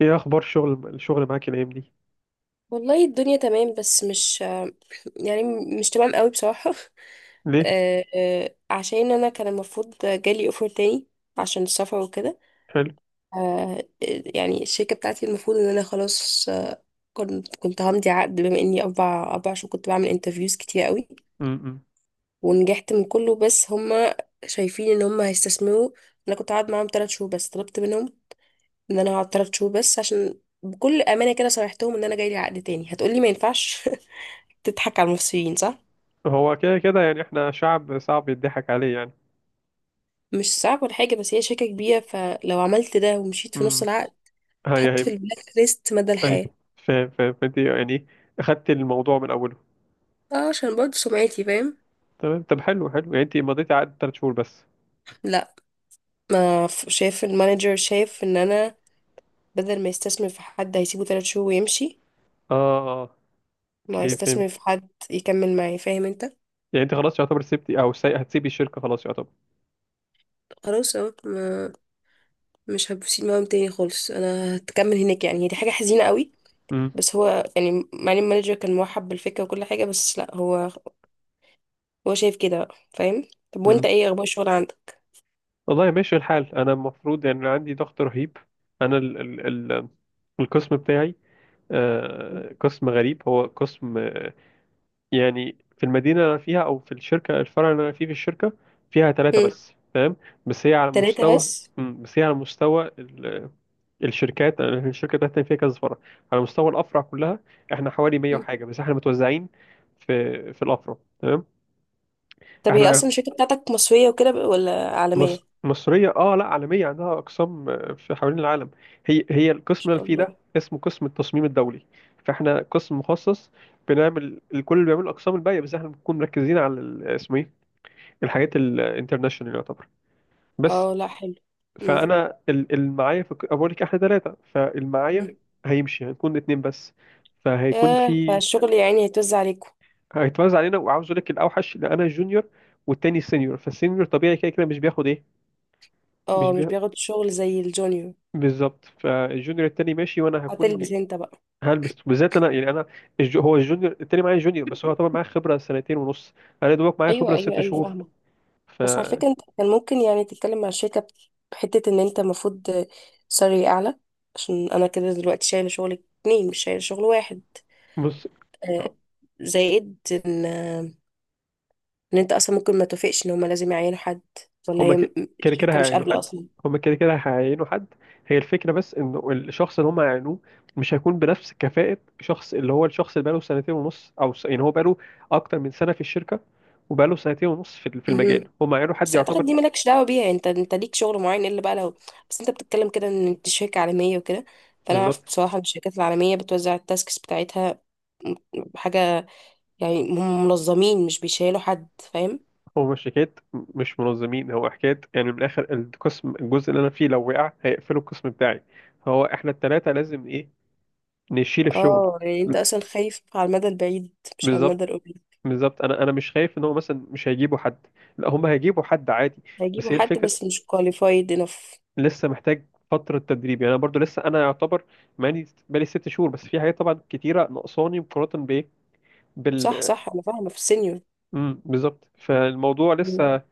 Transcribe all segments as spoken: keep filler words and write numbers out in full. ايه اخبار شغل الشغل معاك الايام دي؟ والله الدنيا تمام، بس مش، يعني، مش تمام قوي بصراحة. ليه؟ آه، آه، عشان انا كان المفروض جالي اوفر تاني عشان السفر وكده. حلو. آه، آه، يعني الشركة بتاعتي المفروض ان انا خلاص، آه، كنت كنت همضي عقد، بما اني اربع اربع شهور كنت بعمل انترفيوز كتير قوي امم ونجحت من كله، بس هما شايفين ان هما هيستثمروا. انا كنت قاعد معاهم ثلاث شهور بس، طلبت منهم ان انا هقعد ثلاث شهور بس، عشان بكل امانه كده صرحتهم ان انا جاي لي عقد تاني، هتقولي ما ينفعش. تضحك على المصريين، صح؟ هو كده كده يعني احنا شعب صعب يضحك عليه يعني. مش صعب ولا حاجة، بس هي شركة كبيرة، فلو عملت ده ومشيت في نص امم العقد هاي تحط هاي في البلاك ليست مدى هاي. الحياة. فاهم فاهم، فانت يعني اخدت الموضوع من اوله؟ اه، عشان برضه سمعتي، فاهم. تمام. طب حلو حلو، يعني انت مضيتي عقد ثلاث شهور بس؟ لا، ما ف- شايف المانجر شايف ان انا بدل ما يستثمر في حد هيسيبه ثلاث شهور ويمشي، اه اه، ما اوكي فهمت. يستثمر في حد يكمل معي، فاهم انت. يعني انت خلاص يعتبر سبتي او سي... هتسيبي الشركه؟ خلاص يعتبر. خلاص اه، ما- مش هبسيط معاهم تاني خالص، انا هتكمل هناك. يعني هي دي حاجة حزينة قوي، امم بس هو يعني مع ان المانجر كان مرحب بالفكرة وكل حاجة، بس لا، هو هو شايف كده بقى، فاهم؟ طب وانت، امم ايه اخبار الشغل؟ والله ماشي الحال. انا المفروض يعني عندي ضغط رهيب. انا ال... ال... ال... القسم بتاعي، هم. آه... قسم غريب. هو قسم يعني في المدينة اللي أنا فيها، أو في الشركة الفرع اللي أنا فيه في الشركة، فيها ثلاثة بس، فاهم؟ بس هي على تلاتة مستوى، بس. مم، بس هي على مستوى ال- الشركات. أنا الشركة بتاعتنا فيها كذا فرع. على مستوى الأفرع كلها إحنا حوالي مية مم. وحاجة، بس إحنا متوزعين في في الأفرع، تمام. طب هي اصلا إحنا الشركة بتاعتك مصرية وكده ب- ولا عالمية؟ مص... ان مصرية، آه لا عالمية، عندها أقسام آه، في حوالين العالم. هي هي القسم اللي شاء أنا فيه ده الله. اسمه قسم التصميم الدولي. فإحنا قسم مخصص، بنعمل الكل اللي بيعمل الأقسام الباقية، بس إحنا بنكون مركزين على ال- اسمه إيه، الحاجات الانترناشونال يعتبر. بس اه، لا حلو. مم. فانا ال- المعايا في الك- أنا بقول لك احنا ثلاثه. فالمعايا مم. هيمشي، هنكون اتنين بس. فهيكون ياه، في، فالشغل يعني هيتوزع عليكم. هيتوزع علينا. وعاوز اقول لك الاوحش ان انا جونيور والتاني سينيور، فالسينيور طبيعي كده كده مش بياخد ايه. مش اه، مش بي... بياخد شغل زي الجونيور. بالظبط. فالجونيور التاني ماشي، وانا هكون، هتلبس انت بقى. هلبس. بالذات انا يعني انا الج... هو الجونيور التاني معايا جونيور، بس هو طبعا معايا خبره سنتين ونص، انا دوبك معايا ايوه، خبره ايوه، ست ايوه، شهور. فاهمة. ف بس على فكرة، انت كان ممكن يعني تتكلم مع الشركة ب- بحتة، ان انت المفروض سالري اعلى، عشان انا كده دلوقتي شايلة شغل اتنين، مش شايلة شغل واحد. بص، آه، زائد ان ان انت اصلا ممكن ما توافقش ان هما لازم يعينوا حد، ولا هما هي م- ك- كده كده الشركه مش هيعينوا قابله حد. اصلا. هما كده كده هيعينوا حد. هي الفكرة، بس انه الشخص اللي هما هيعينوه مش هيكون بنفس كفاءة شخص اللي هو الشخص اللي بقاله سنتين ونص او س... يعني هو بقاله اكتر من سنة في الشركة، وبقاله سنتين ونص في في مهم. المجال. هما هيعينوا حد بس اعتقد يعتبر. دي مالكش دعوه بيها، يعني انت انت ليك شغل معين، الا بقى لو. بس انت بتتكلم كده ان انت شركه عالميه وكده، فانا بالظبط. اعرف بصراحه ان الشركات العالميه بتوزع التاسكس بتاعتها م- حاجه، يعني هم منظمين، مش بيشيلوا حد، فاهم. هو مش حكاية مش منظمين، هو حكاية يعني من الاخر القسم الجزء اللي انا فيه لو وقع هيقفلوا القسم بتاعي. فهو احنا التلاتة لازم ايه، نشيل الشغل. اه، يعني انت اصلا خايف على المدى البعيد، مش على بالظبط المدى القريب. بالظبط. انا انا مش خايف ان هو مثلا مش هيجيبوا حد، لا هم هيجيبوا حد عادي. هيجيبوا بس هي حد، الفكره، بس مش qualified enough. لسه محتاج فتره تدريب، يعني انا برضو لسه انا يعتبر ماني بقالي ست شهور بس في حاجات طبعا كتيره ناقصاني مقارنه بايه، صح، بال صح، انا فاهمه في السينيور. امم بالظبط. فالموضوع لسه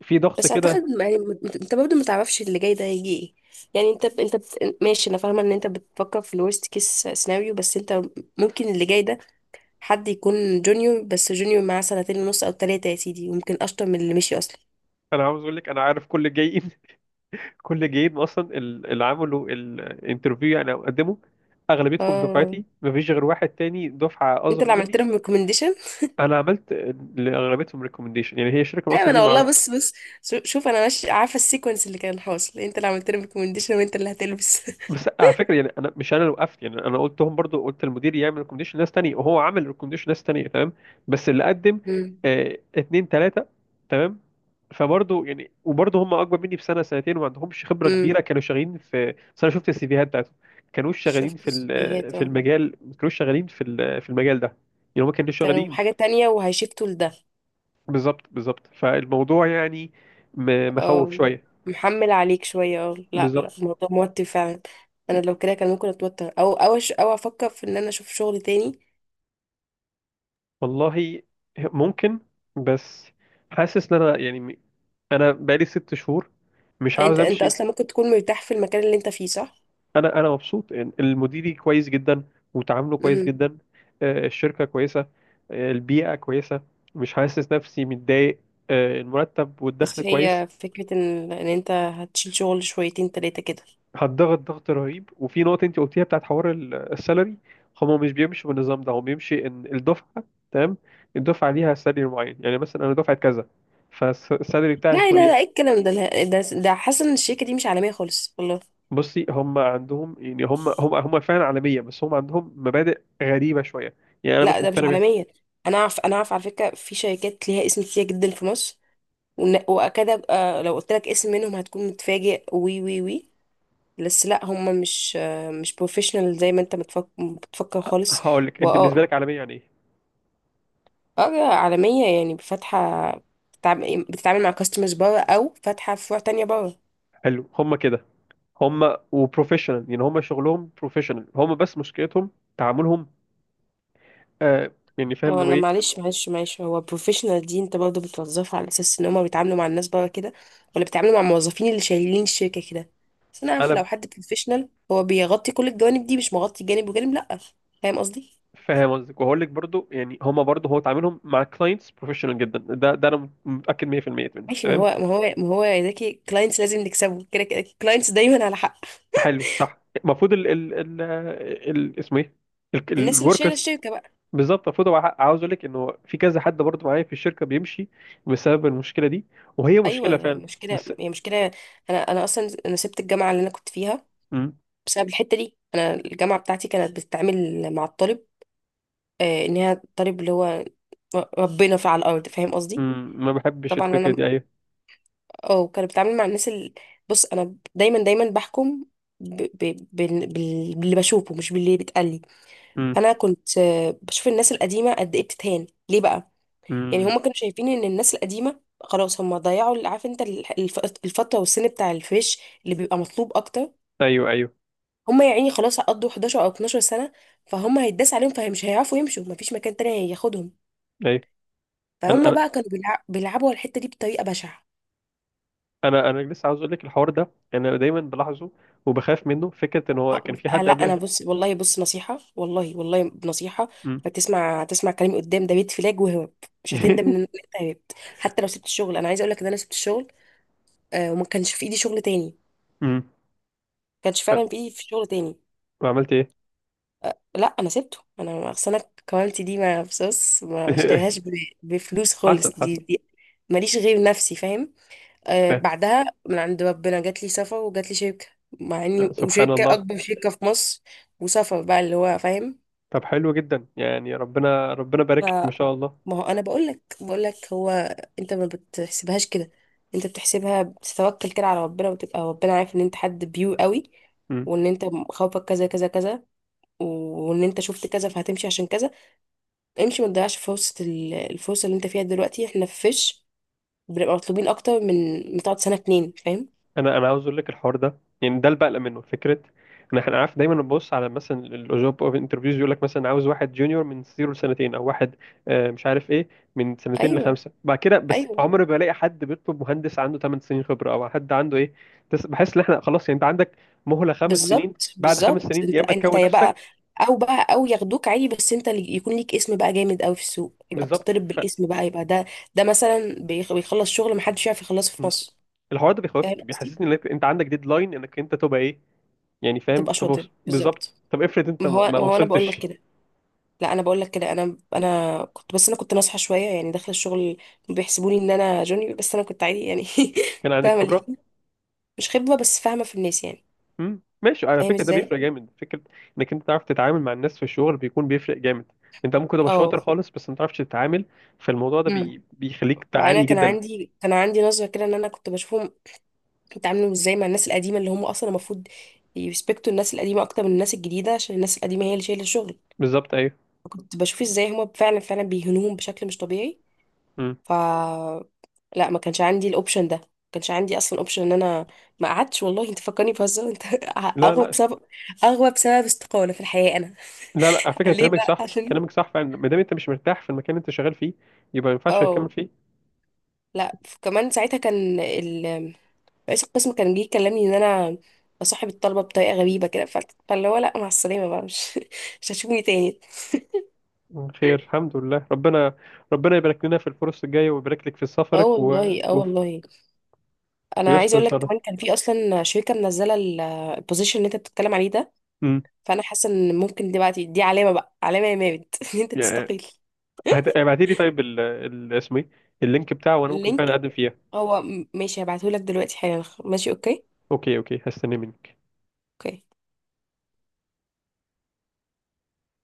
في ضغط بس كده. اعتقد، ما- يعني مت- انت برضه ما تعرفش اللي جاي ده هيجي ايه، يعني انت ب... انت ب... ماشي، انا فاهمه ان انت بتفكر في الورست كيس سيناريو، بس انت ممكن اللي جاي ده حد يكون جونيور، بس جونيور معاه سنتين ونص او ثلاثه يا سيدي، وممكن اشطر من اللي مشي اصلا. انا عاوز اقول لك انا عارف كل الجايين كل الجايين اصلا ال- اللي عملوا الانترفيو يعني او قدموا، اغلبيتهم اه، دفعتي، مفيش غير واحد تاني دفعه انت اصغر اللي عملت مني. لهم ريكومنديشن. انا عملت لاغلبيتهم ريكومنديشن، يعني هي الشركه ايوه، اصلا دي. انا والله، بص بص، شو- شوف انا ماشي عارفه السيكونس اللي كان حاصل، انت اللي عملت لهم ريكومنديشن وانت اللي هتلبس. بس على فكره يعني انا مش انا اللي وقفت، يعني انا قلتهم برضو، قلت المدير يعمل ريكومنديشن لناس تانية، وهو عمل ريكومنديشن لناس تانية، تمام. بس اللي قدم امم. آه اتنين تلاته، تمام. فبرضو يعني، وبرضو هم اكبر مني بسنه سنتين وما عندهمش خبره امم. كبيره. كانوا شغالين في، بس انا شفت السيفيهات بتاعتهم، كانوا شغالين شفت في ال- الفيديوهات، في اه، المجال، ما كانوش شغالين في ال- في المجال ده. يعني هم كانوا كانوا شغالين. حاجه تانية وهيشفتوا لده. بالظبط بالظبط. فالموضوع يعني م- مخوف اه، شويه. محمل عليك شوية، اه، لا لا، بالظبط. الموضوع موتر فعلا. انا لو كده كان ممكن اتوتر، او او أش- او افكر في ان انا اشوف شغل تاني. والله ممكن، بس حاسس ان انا يعني انا بقالي ست شهور، مش يعني عاوز انت انت امشي. اصلا ممكن تكون مرتاح في المكان اللي انت فيه، صح؟ انا انا مبسوط إن المديري كويس جدا، وتعامله كويس امم. جدا، آه، الشركه كويسه، آه، البيئه كويسه، مش حاسس نفسي متضايق، آه، المرتب والدخل بس كويس. هي فكرة ان ان انت هتشيل شغل شويتين تلاتة كده. هتضغط ضغط رهيب. وفي نقطه انت قلتيها بتاعت حوار ال- السالري، هما مش بيمشوا بالنظام ده. هو بيمشي ان الدفعه، تمام، الدفعه ليها سالري معين. يعني مثلا انا دفعه كذا، فالسالري بتاعي لا يكون لا لا، ايه ايه؟ الكلام ده، لا، ده ده حاسة ان الشركة دي مش عالمية خالص، والله. بصي، هم عندهم يعني هم هم هم فعلا عالميه، بس هم عندهم مبادئ غريبه شويه، يعني انا لا، مش ده مش مقتنع بيها. عالمية. انا اعرف انا اعرف على فكرة، في شركات ليها اسم كتير جدا في مصر، ون- واكاد ابقى لو قلت لك اسم منهم هتكون متفاجئ، وي وي وي، بس لا، هم مش مش بروفيشنال زي ما انت متفك- بتفكر أ- خالص. هقول لك انت بالنسبه واه لك عالميه يعني ايه؟ اه، عالمية يعني فاتحة، بتتعامل بتتعامل مع كاستمرز بره، او فاتحة فروع تانية بره. حلو، هم كده. هم وبروفيشنال، يعني هم شغلهم بروفيشنال، هم بس مشكلتهم تعاملهم، آه يعني فاهم ما هو اللي هو انا ايه. معلش معلش معلش، هو بروفيشنال دي انت برضه بتوظفها على اساس ان هم بيتعاملوا مع الناس بره كده، ولا بيتعاملوا مع الموظفين اللي شايلين الشركة كده. بس انا عارف، انا لو حد بروفيشنال هو بيغطي كل الجوانب دي، مش مغطي جانب وجانب، لا. فاهم قصدي. فاهم قصدك، وهقول لك برضو، يعني هم برضو هو تعاملهم مع كلاينتس بروفيشنال جدا، ده ده انا متاكد مية بالمية منه، ماشي، ما هو تمام. ما هو ما هو يا زكي، كلاينتس لازم نكسبه، كده كده كلاينتس دايما على حق. حلو، صح. المفروض ال ال ال ال- اسمه ايه، الناس اللي شايله الوركرز. الشركه بقى. بالظبط، المفروض هو حق- عاوز اقول لك انه في كذا حد برضه معايا في الشركه بيمشي بسبب المشكله دي، وهي ايوه، مشكله فعلا. يعني مشكله، بس. هي مشكله. انا انا اصلا انا سبت الجامعه اللي انا كنت فيها مم. بسبب الحته دي. انا الجامعه بتاعتي كانت بتتعامل مع الطالب، آه ان هي الطالب اللي هو ربنا في على الارض، فاهم قصدي. مم. ما بحبش طبعا الفكره انا، دي، ايوه. اه كانت بتتعامل مع الناس اللي، بص، انا دايما دايما بحكم ب... ب... بال- بال- باللي بشوفه، مش باللي بيتقال لي. مم. انا كنت، آه، بشوف الناس القديمه قد ايه بتتهان ليه بقى. يعني مم. هما كانوا شايفين ان الناس القديمه خلاص هما ضيعوا، ال- عارف انت، ال- الف- الفتره والسن بتاع الفيش اللي بيبقى مطلوب اكتر. ايوه ايوه هما يا عيني خلاص قضوا حداشر او اتناشر سنه، فهم هيتداس عليهم، فمش هيعرفوا يمشوا، مفيش مكان تاني هياخدهم، ايوه. انا فهم انا بقى كانوا بيلع- بيلعبوا على الحته دي بطريقه بشعه. انا انا لسه عاوز اقول لك الحوار ده، انا دايما بلاحظه وبخاف منه فكره ان هو أه كان في آه، حد لا، انا قبل. بص، والله بص، نصيحه، والله والله نصيحه، مم. هتسمع هتسمع كلامي قدام، ده بيت فلاج وهرب، مش هتندم ان انت هربت. حتى لو سبت الشغل، انا عايزه اقول لك ان انا سبت الشغل، آه وما كانش في ايدي شغل تاني، ما مم. كانش أه، فعلا في ايدي في شغل تاني. وعملت ايه؟ لا، انا سبته، انا اصل انا كوالتي دي ما بصص، ما ما اشتريهاش ب- بفلوس حصل خالص، دي حصل. دي ماليش غير نفسي، فاهم. ف... آه بعدها من عند ربنا جات لي سفر، وجات لي شركه، مع اني، سبحان وشركه الله. اكبر شركه في مصر، وسفر بقى، اللي هو فاهم. طب حلو جدا يعني، ربنا ربنا ف بارك لك ما شاء الله. ما هو انا بقول لك بقول لك هو، انت ما بتحسبهاش كده، انت بتحسبها، بتتوكل كده على ربنا، وتبقى ربنا عارف ان انت حد بيو قوي، وان انت خوفك كذا كذا كذا، وان انت شفت كذا فهتمشي عشان كذا. امشي، ما تضيعش فرصة، ال- الفرصة اللي انت فيها دلوقتي. احنا في فيش بنبقى مطلوبين اكتر، من من تقعد سنة اتنين، فاهم. انا انا عاوز اقول لك الحوار ده يعني ده اللي بقلق منه، فكره ان احنا عارف دايما نبص على مثلا الجوب اوف انترفيوز، يقول لك مثلا عاوز واحد جونيور من زيرو لسنتين، او واحد آه، مش عارف ايه، من سنتين ايوه، لخمسه. بعد كده، بس ايوه. عمري ما الاقي حد بيطلب مهندس عنده ثمان سنين خبره او حد عنده ايه. تس- بحس ان احنا خلاص. يعني انت عندك مهله خمس سنين، بالظبط، بعد خمس بالظبط، سنين يا انت اما انت تكون يا بقى، نفسك. او بقى، او ياخدوك عادي، بس انت اللي يكون ليك اسم بقى جامد قوي في السوق، يبقى بالظبط. بتطلب ف بالاسم بقى، يبقى ده، ده مثلا بيخ- بيخلص شغل محدش يعرف يخلصه في م. مصر، الحوار ده فاهم بيخوفني، قصدي. بيحسسني انك انت عندك ديدلاين انك انت تبقى ايه. يعني فاهم، تبقى طب وص- شاطر، بالظبط. بالظبط. طب افرض انت ما ما هو ما ما هو انا بقول لك وصلتش، كده، لا، انا بقول لك كده، انا انا كنت، بس انا كنت ناصحه شويه يعني، داخله الشغل بيحسبوني ان انا جونيور، بس انا كنت عادي يعني. كان عندك فاهمه اللي خبره. فيه، مش خبره، بس فاهمه في الناس يعني. مم. ماشي، على فاهم فكره ده بيفرق ازاي. جامد. فكره انك انت تعرف تتعامل مع الناس في الشغل بيكون بيفرق جامد. انت ممكن تبقى اه. شاطر خالص، بس ما تعرفش تتعامل. فالموضوع ده امم. بي... بيخليك فانا تعاني كان جدا. عندي كان عندي نظره كده، ان انا كنت بشوفهم بيتعاملوا ازاي مع الناس القديمه، اللي هم اصلا المفروض يريسبكتوا الناس القديمه اكتر من الناس الجديده، عشان الناس القديمه هي اللي شايله الشغل. بالظبط، ايوه. فكنت بشوف ازاي هم فعلا فعلا بيهنوهم بشكل مش طبيعي. مم. لا، ما كانش عندي الاوبشن ده، ما كانش عندي اصلا اوبشن ان انا، ما قعدتش، والله انت فكرني بهزار انت. لا اغوى لا بسبب اغوى بسبب استقالة في الحياة انا. لا لا، على فكره ليه كلامك بقى؟ صح، عشان كلامك صح فعلا. ما دام انت مش مرتاح في المكان اللي انت شغال فيه، يبقى ما ينفعش تكمل اه، فيه. لا، ف- كمان ساعتها كان ال... رئيس القسم كان جه يكلمني ان انا بصاحب الطلبة بطريقة غريبة كده، ف- فاللي هو لا، مع السلامة بقى، مش مش هتشوفني تاني. مم. خير، الحمد لله. ربنا ربنا يبارك لنا في الفرص الجايه، ويبارك لك في اه سفرك، و... والله، اه و... والله. انا عايزه ويستر ان اقول شاء لك، كمان الله. كان في اصلا شركه منزله البوزيشن اللي انت بتتكلم عليه ده، امم فانا حاسه ان ممكن دلوقتي دي علامه بقى، علامه يا مامت، ان انت يعني تستقيل. هت... ابعتي لي طيب ال... ال... اسمه ايه، اللينك بتاعه، وانا ممكن اللينك؟ فعلا اقدم فيه. هو م- ماشي، هبعتهولك دلوقتي حالا، ماشي، اوكي، اوكي اوكي، هستنى منك. اوكي.